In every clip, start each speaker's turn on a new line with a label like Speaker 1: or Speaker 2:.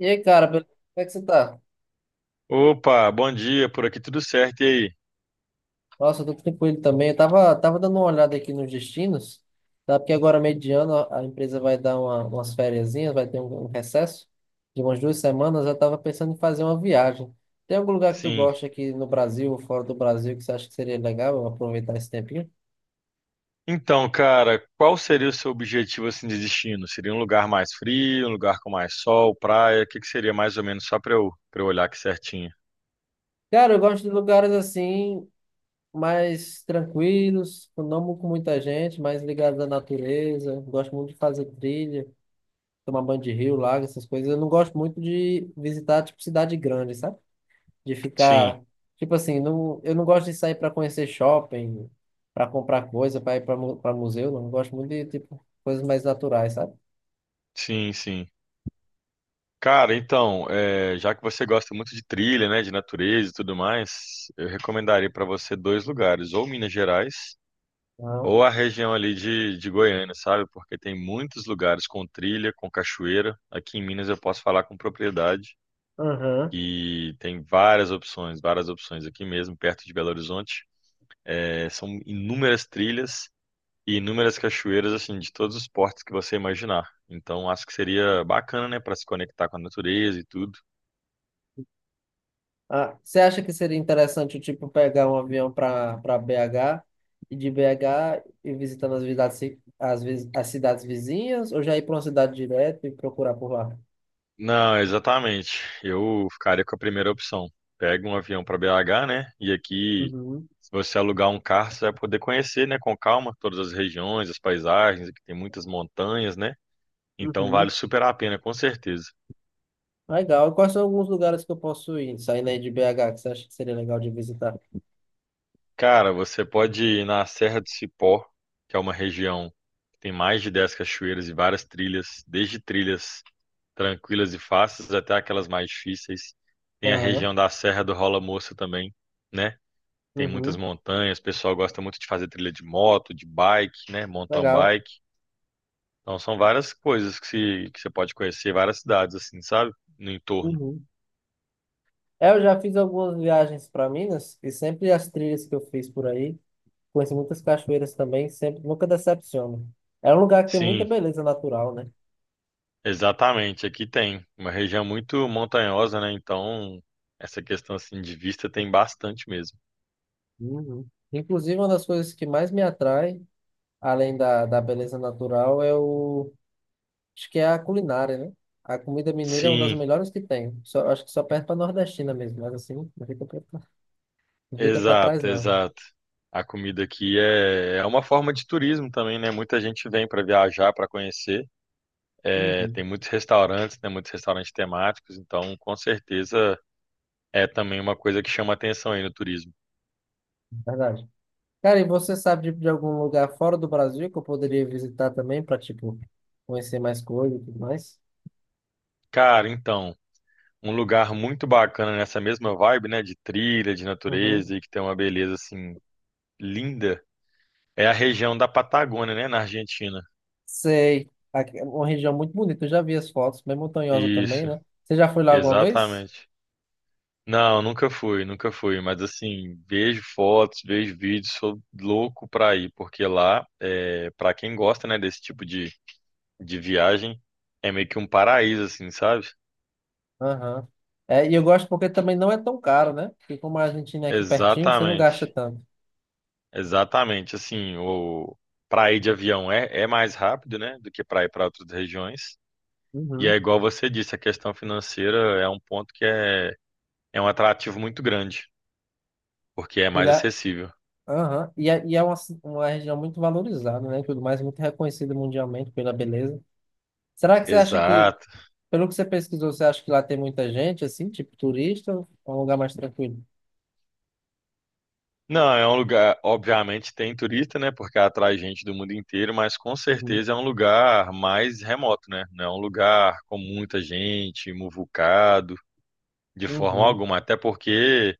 Speaker 1: E aí, cara, beleza? Como é que você tá?
Speaker 2: Opa, bom dia, por aqui tudo certo, e aí?
Speaker 1: Nossa, eu tô tranquilo também. Eu tava dando uma olhada aqui nos destinos, tá? Porque agora, mediano, a empresa vai dar umas fériasinhas, vai ter um recesso de umas duas semanas. Eu tava pensando em fazer uma viagem. Tem algum lugar que tu
Speaker 2: Sim.
Speaker 1: gosta aqui no Brasil ou fora do Brasil que você acha que seria legal eu aproveitar esse tempinho?
Speaker 2: Então, cara, qual seria o seu objetivo assim de destino? Seria um lugar mais frio, um lugar com mais sol, praia? O que que seria mais ou menos só para eu olhar aqui certinho?
Speaker 1: Cara, eu gosto de lugares assim, mais tranquilos, não com muita gente, mais ligados à natureza. Gosto muito de fazer trilha. Tomar banho de rio, lago, essas coisas. Eu não gosto muito de visitar, tipo, cidade grande, sabe? De
Speaker 2: Sim,
Speaker 1: ficar, tipo assim, não, eu não gosto de sair para conhecer shopping, para comprar coisa, para ir para museu, não. Eu gosto muito de, tipo, coisas mais naturais, sabe?
Speaker 2: sim, sim. Cara, então, é, já que você gosta muito de trilha, né, de natureza e tudo mais, eu recomendaria para você dois lugares, ou Minas Gerais,
Speaker 1: Não.
Speaker 2: ou a região ali de Goiânia, sabe? Porque tem muitos lugares com trilha, com cachoeira. Aqui em Minas eu posso falar com propriedade.
Speaker 1: Aham.
Speaker 2: E tem várias opções aqui mesmo, perto de Belo Horizonte. É, são inúmeras trilhas e inúmeras cachoeiras, assim, de todos os portos que você imaginar. Então, acho que seria bacana, né, para se conectar com a natureza e tudo.
Speaker 1: Ah, você acha que seria interessante, tipo, pegar um avião para BH e de BH ir visitando as cidades, as cidades vizinhas ou já ir para uma cidade direto e procurar por lá?
Speaker 2: Não, exatamente. Eu ficaria com a primeira opção. Pega um avião para BH, né? E aqui,
Speaker 1: Uhum,
Speaker 2: se você alugar um carro, você vai poder conhecer, né, com calma, todas as regiões, as paisagens, aqui tem muitas montanhas, né? Então,
Speaker 1: uhum.
Speaker 2: vale super a pena, com certeza.
Speaker 1: Legal. E quais são alguns lugares que eu posso ir, saindo aí de BH, que você acha que seria legal de visitar?
Speaker 2: Cara, você pode ir na Serra do Cipó, que é uma região que tem mais de 10 cachoeiras e várias trilhas, desde trilhas tranquilas e fáceis até aquelas mais difíceis. Tem a
Speaker 1: Aham,
Speaker 2: região da Serra do Rola Moça também, né? Tem muitas
Speaker 1: uhum,
Speaker 2: montanhas, o pessoal gosta muito de fazer trilha de moto, de bike, né? Mountain
Speaker 1: legal.
Speaker 2: bike. Então são várias coisas que, se, que você pode conhecer, várias cidades assim, sabe? No entorno.
Speaker 1: Uhum. É, eu já fiz algumas viagens para Minas e sempre as trilhas que eu fiz por aí, conheci muitas cachoeiras também, sempre nunca decepciono. É um lugar que tem muita
Speaker 2: Sim,
Speaker 1: beleza natural, né?
Speaker 2: exatamente, aqui tem uma região muito montanhosa, né? Então, essa questão assim de vista tem bastante mesmo.
Speaker 1: Uhum. Inclusive, uma das coisas que mais me atrai, além da beleza natural, acho que é a culinária, né? A comida mineira é uma das
Speaker 2: Sim,
Speaker 1: melhores que tem. Só, acho que só perde para nordestina mesmo, mas assim, não fica. Não fica pra trás,
Speaker 2: exato,
Speaker 1: não.
Speaker 2: exato. A comida aqui é, é uma forma de turismo também, né? Muita gente vem para viajar, para conhecer. É, tem
Speaker 1: Uhum.
Speaker 2: muitos restaurantes, né? Muitos restaurantes temáticos, então com certeza é também uma coisa que chama atenção aí no turismo.
Speaker 1: Verdade. Cara, e você sabe de algum lugar fora do Brasil que eu poderia visitar também para tipo, conhecer mais coisas e tudo mais?
Speaker 2: Cara, então, um lugar muito bacana nessa mesma vibe, né? De trilha, de natureza
Speaker 1: Uhum.
Speaker 2: e que tem uma beleza assim linda. É a região da Patagônia, né, na Argentina.
Speaker 1: Sei. Aqui é uma região muito bonita. Eu já vi as fotos, bem montanhosa também,
Speaker 2: Isso,
Speaker 1: né? Você já foi lá alguma vez?
Speaker 2: exatamente. Não, nunca fui, nunca fui, mas assim, vejo fotos, vejo vídeos, sou louco pra ir, porque lá, é, pra quem gosta, né, desse tipo de viagem, é meio que um paraíso, assim, sabe?
Speaker 1: Aham. É, e eu gosto porque também não é tão caro, né? Porque como a Argentina é aqui pertinho, você não gasta
Speaker 2: Exatamente,
Speaker 1: tanto.
Speaker 2: exatamente. Assim, o para ir de avião é, é mais rápido, né, do que para ir para outras regiões. E é
Speaker 1: Uhum.
Speaker 2: igual você disse, a questão financeira é um ponto que é, é um atrativo muito grande, porque é
Speaker 1: Ele
Speaker 2: mais
Speaker 1: é,
Speaker 2: acessível.
Speaker 1: aham. E é uma, uma região muito valorizada, né? E tudo mais, muito reconhecida mundialmente pela beleza. Será que você acha que
Speaker 2: Exato.
Speaker 1: Pelo que você pesquisou, você acha que lá tem muita gente, assim, tipo turista, ou é um lugar mais tranquilo?
Speaker 2: Não, é um lugar, obviamente tem turista, né? Porque atrai gente do mundo inteiro, mas com
Speaker 1: Uhum,
Speaker 2: certeza é um lugar mais remoto, né? Não é um lugar com muita gente, muvucado, de forma
Speaker 1: uhum.
Speaker 2: alguma. Até porque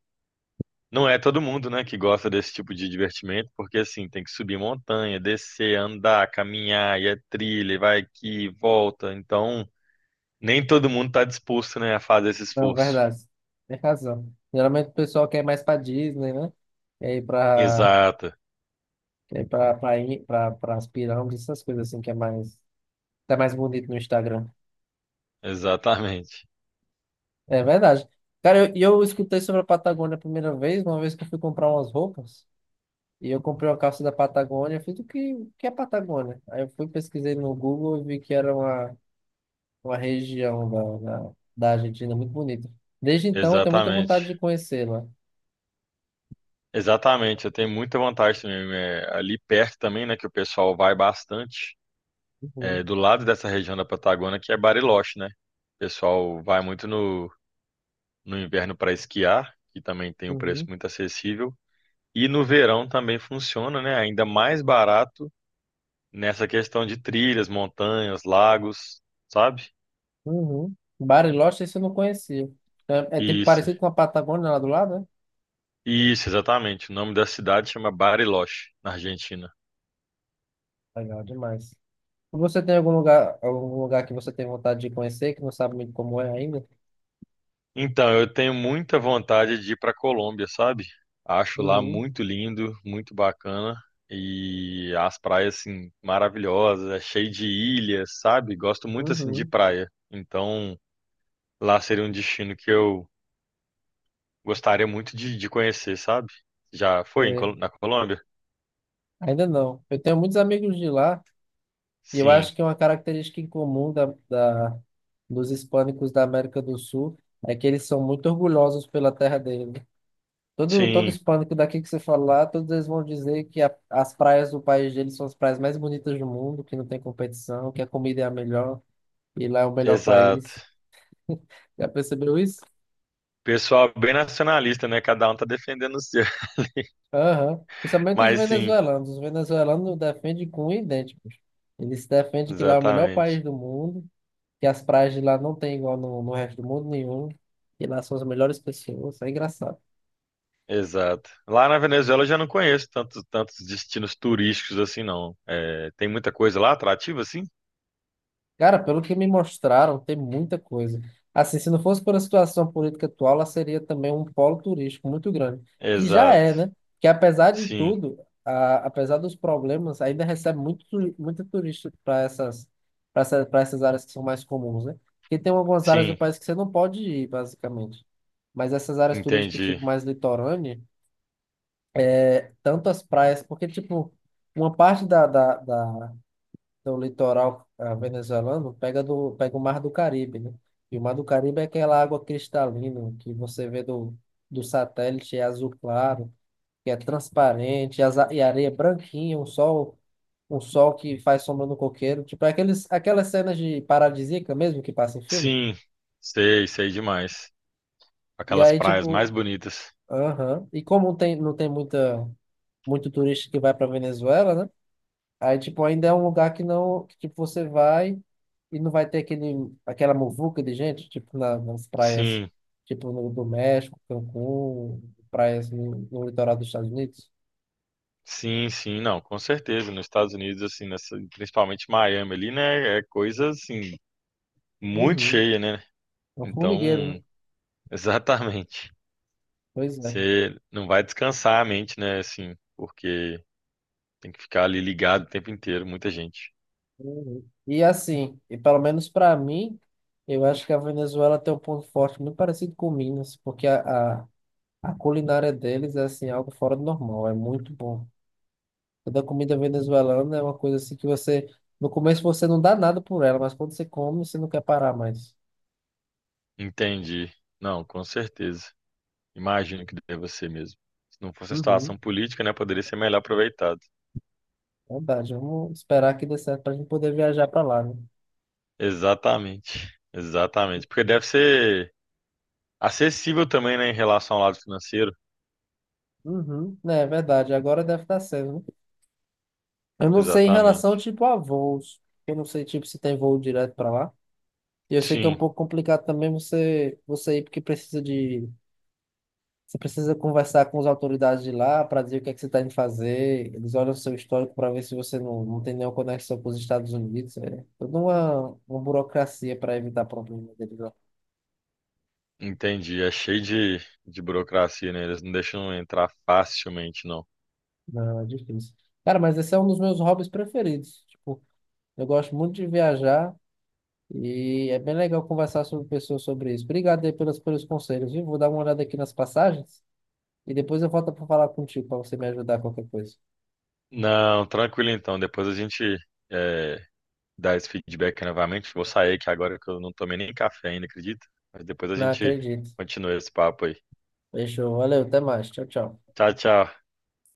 Speaker 2: não é todo mundo, né, que gosta desse tipo de divertimento, porque assim, tem que subir montanha, descer, andar, caminhar, e é trilha, e vai aqui, e volta. Então, nem todo mundo está disposto, né, a fazer esse
Speaker 1: Não,
Speaker 2: esforço.
Speaker 1: verdade. Tem razão. Geralmente o pessoal quer ir mais pra Disney, né? Quer ir pra,
Speaker 2: Exato,
Speaker 1: quer ir pra, pra, ir- pra, pras pirâmides, essas coisas assim que é mais, tá mais bonito no Instagram.
Speaker 2: exatamente.
Speaker 1: É verdade. Cara, eu escutei sobre a Patagônia a primeira vez, uma vez que eu fui comprar umas roupas, e eu comprei uma calça da Patagônia, eu fiz o que é Patagônia? Aí eu fui, pesquisei no Google e vi que era uma região da Argentina muito bonita. Desde então, eu tenho muita
Speaker 2: Exatamente.
Speaker 1: vontade de conhecê-la.
Speaker 2: Exatamente, eu tenho muita vantagem também. É, ali perto também, né, que o pessoal vai bastante,
Speaker 1: Uhum,
Speaker 2: é, do lado dessa região da Patagônia, que é Bariloche, né? O pessoal vai muito no inverno para esquiar, que também tem um preço
Speaker 1: uhum,
Speaker 2: muito acessível. E no verão também funciona, né? Ainda mais barato nessa questão de trilhas, montanhas, lagos, sabe?
Speaker 1: uhum. Bariloche, esse eu não conhecia. É, é tipo
Speaker 2: Isso,
Speaker 1: parecido com a Patagônia lá do lado, né?
Speaker 2: isso, exatamente. O nome da cidade chama Bariloche, na Argentina.
Speaker 1: Legal demais. Você tem algum lugar que você tem vontade de conhecer, que não sabe muito como é ainda?
Speaker 2: Então, eu tenho muita vontade de ir para Colômbia, sabe? Acho lá
Speaker 1: Uhum,
Speaker 2: muito lindo, muito bacana e as praias assim maravilhosas, é cheio de ilhas, sabe? Gosto muito assim de
Speaker 1: uhum.
Speaker 2: praia. Então, lá seria um destino que eu gostaria muito de conhecer, sabe? Já foi em
Speaker 1: É,
Speaker 2: na Colômbia?
Speaker 1: ainda não. Eu tenho muitos amigos de lá, e eu
Speaker 2: Sim,
Speaker 1: acho que uma característica em comum dos hispânicos da América do Sul é que eles são muito orgulhosos pela terra deles. Todo
Speaker 2: sim,
Speaker 1: hispânico daqui que você falar, todos eles vão dizer que as praias do país deles são as praias mais bonitas do mundo, que não tem competição, que a comida é a melhor e lá é o melhor
Speaker 2: exato.
Speaker 1: país. Já percebeu isso?
Speaker 2: Pessoal bem nacionalista, né? Cada um tá defendendo o seu.
Speaker 1: Aham. Principalmente os
Speaker 2: Mas sim,
Speaker 1: venezuelanos. Os venezuelanos defendem com idênticos. Eles defendem que lá é o melhor
Speaker 2: exatamente.
Speaker 1: país do mundo, que as praias de lá não tem igual no resto do mundo nenhum, que lá são as melhores pessoas. É engraçado.
Speaker 2: Exato. Lá na Venezuela eu já não conheço tantos, tantos destinos turísticos assim, não. É, tem muita coisa lá atrativa, assim?
Speaker 1: Cara, pelo que me mostraram, tem muita coisa. Assim, se não fosse por a situação política atual, ela seria também um polo turístico muito grande, que já
Speaker 2: Exato.
Speaker 1: é, né? Que apesar de
Speaker 2: Sim,
Speaker 1: tudo, apesar dos problemas, ainda recebe muito, muito turista para essas, para essas áreas que são mais comuns, né? Porque tem algumas áreas do
Speaker 2: sim,
Speaker 1: país que você não pode ir, basicamente. Mas essas áreas turísticas,
Speaker 2: entendi.
Speaker 1: tipo, mais litorânea, é, tanto as praias, porque, tipo, uma parte da do litoral venezuelano pega, pega o Mar do Caribe, né? E o Mar do Caribe é aquela água cristalina que você vê do satélite, é azul claro, que é transparente, e, e a areia é branquinha, um sol que faz sombra no coqueiro. Tipo, é aqueles, aquelas cenas de paradisíaca mesmo que passa em filme.
Speaker 2: Sim, sei, sei demais.
Speaker 1: E
Speaker 2: Aquelas
Speaker 1: aí,
Speaker 2: praias mais
Speaker 1: tipo,
Speaker 2: bonitas.
Speaker 1: aham. E como tem, não tem muita, muito turista que vai para Venezuela, né? Aí, tipo, ainda é um lugar que não, que, tipo, você vai e não vai ter aquele, aquela muvuca de gente, tipo, nas praias,
Speaker 2: Sim,
Speaker 1: tipo, no, do México, Cancún, praias no litoral dos Estados Unidos.
Speaker 2: sim, sim, não, com certeza. Nos Estados Unidos, assim, nessa, principalmente Miami ali, né? É coisa, assim, muito
Speaker 1: Uhum.
Speaker 2: cheia, né?
Speaker 1: É um formigueiro, né?
Speaker 2: Então, exatamente.
Speaker 1: Pois é.
Speaker 2: Você não vai descansar a mente, né? Assim, porque tem que ficar ali ligado o tempo inteiro, muita gente.
Speaker 1: Uhum. E assim, e pelo menos para mim, eu acho que a Venezuela tem um ponto forte muito parecido com Minas, porque a culinária deles é, assim, algo fora do normal, é muito bom. Toda comida venezuelana é uma coisa assim que você, no começo você não dá nada por ela, mas quando você come, você não quer parar mais.
Speaker 2: Entendi. Não, com certeza. Imagino que deva ser mesmo. Se não fosse a situação
Speaker 1: Uhum.
Speaker 2: política, né, poderia ser melhor aproveitado.
Speaker 1: Verdade, vamos esperar que dê certo pra gente poder viajar pra lá, né?
Speaker 2: Exatamente. Exatamente. Porque deve ser acessível também, né, em relação ao lado financeiro.
Speaker 1: Uhum. É verdade, agora deve estar sendo, né? Eu não sei em relação,
Speaker 2: Exatamente.
Speaker 1: tipo, a voos. Eu não sei, tipo, se tem voo direto pra lá. E eu sei que é um
Speaker 2: Sim,
Speaker 1: pouco complicado também você ir porque precisa de. Você precisa conversar com as autoridades de lá para dizer o que é que você está indo fazer. Eles olham o seu histórico para ver se você não tem nenhuma conexão com os Estados Unidos. É toda uma burocracia para evitar problemas deles lá.
Speaker 2: entendi. É cheio de burocracia, né? Eles não deixam entrar facilmente, não.
Speaker 1: Não, é difícil. Cara, mas esse é um dos meus hobbies preferidos. Tipo, eu gosto muito de viajar e é bem legal conversar sobre pessoas sobre isso. Obrigado aí pelos conselhos, viu? Vou dar uma olhada aqui nas passagens e depois eu volto para falar contigo para você me ajudar a qualquer coisa.
Speaker 2: Não, tranquilo então. Depois a gente, é, dar esse feedback novamente. Vou sair aqui agora que eu não tomei nem café ainda, acredita? Mas depois a
Speaker 1: Não
Speaker 2: gente
Speaker 1: acredito.
Speaker 2: continua esse papo aí.
Speaker 1: Fechou. Valeu, até mais. Tchau, tchau.
Speaker 2: Tchau, tchau.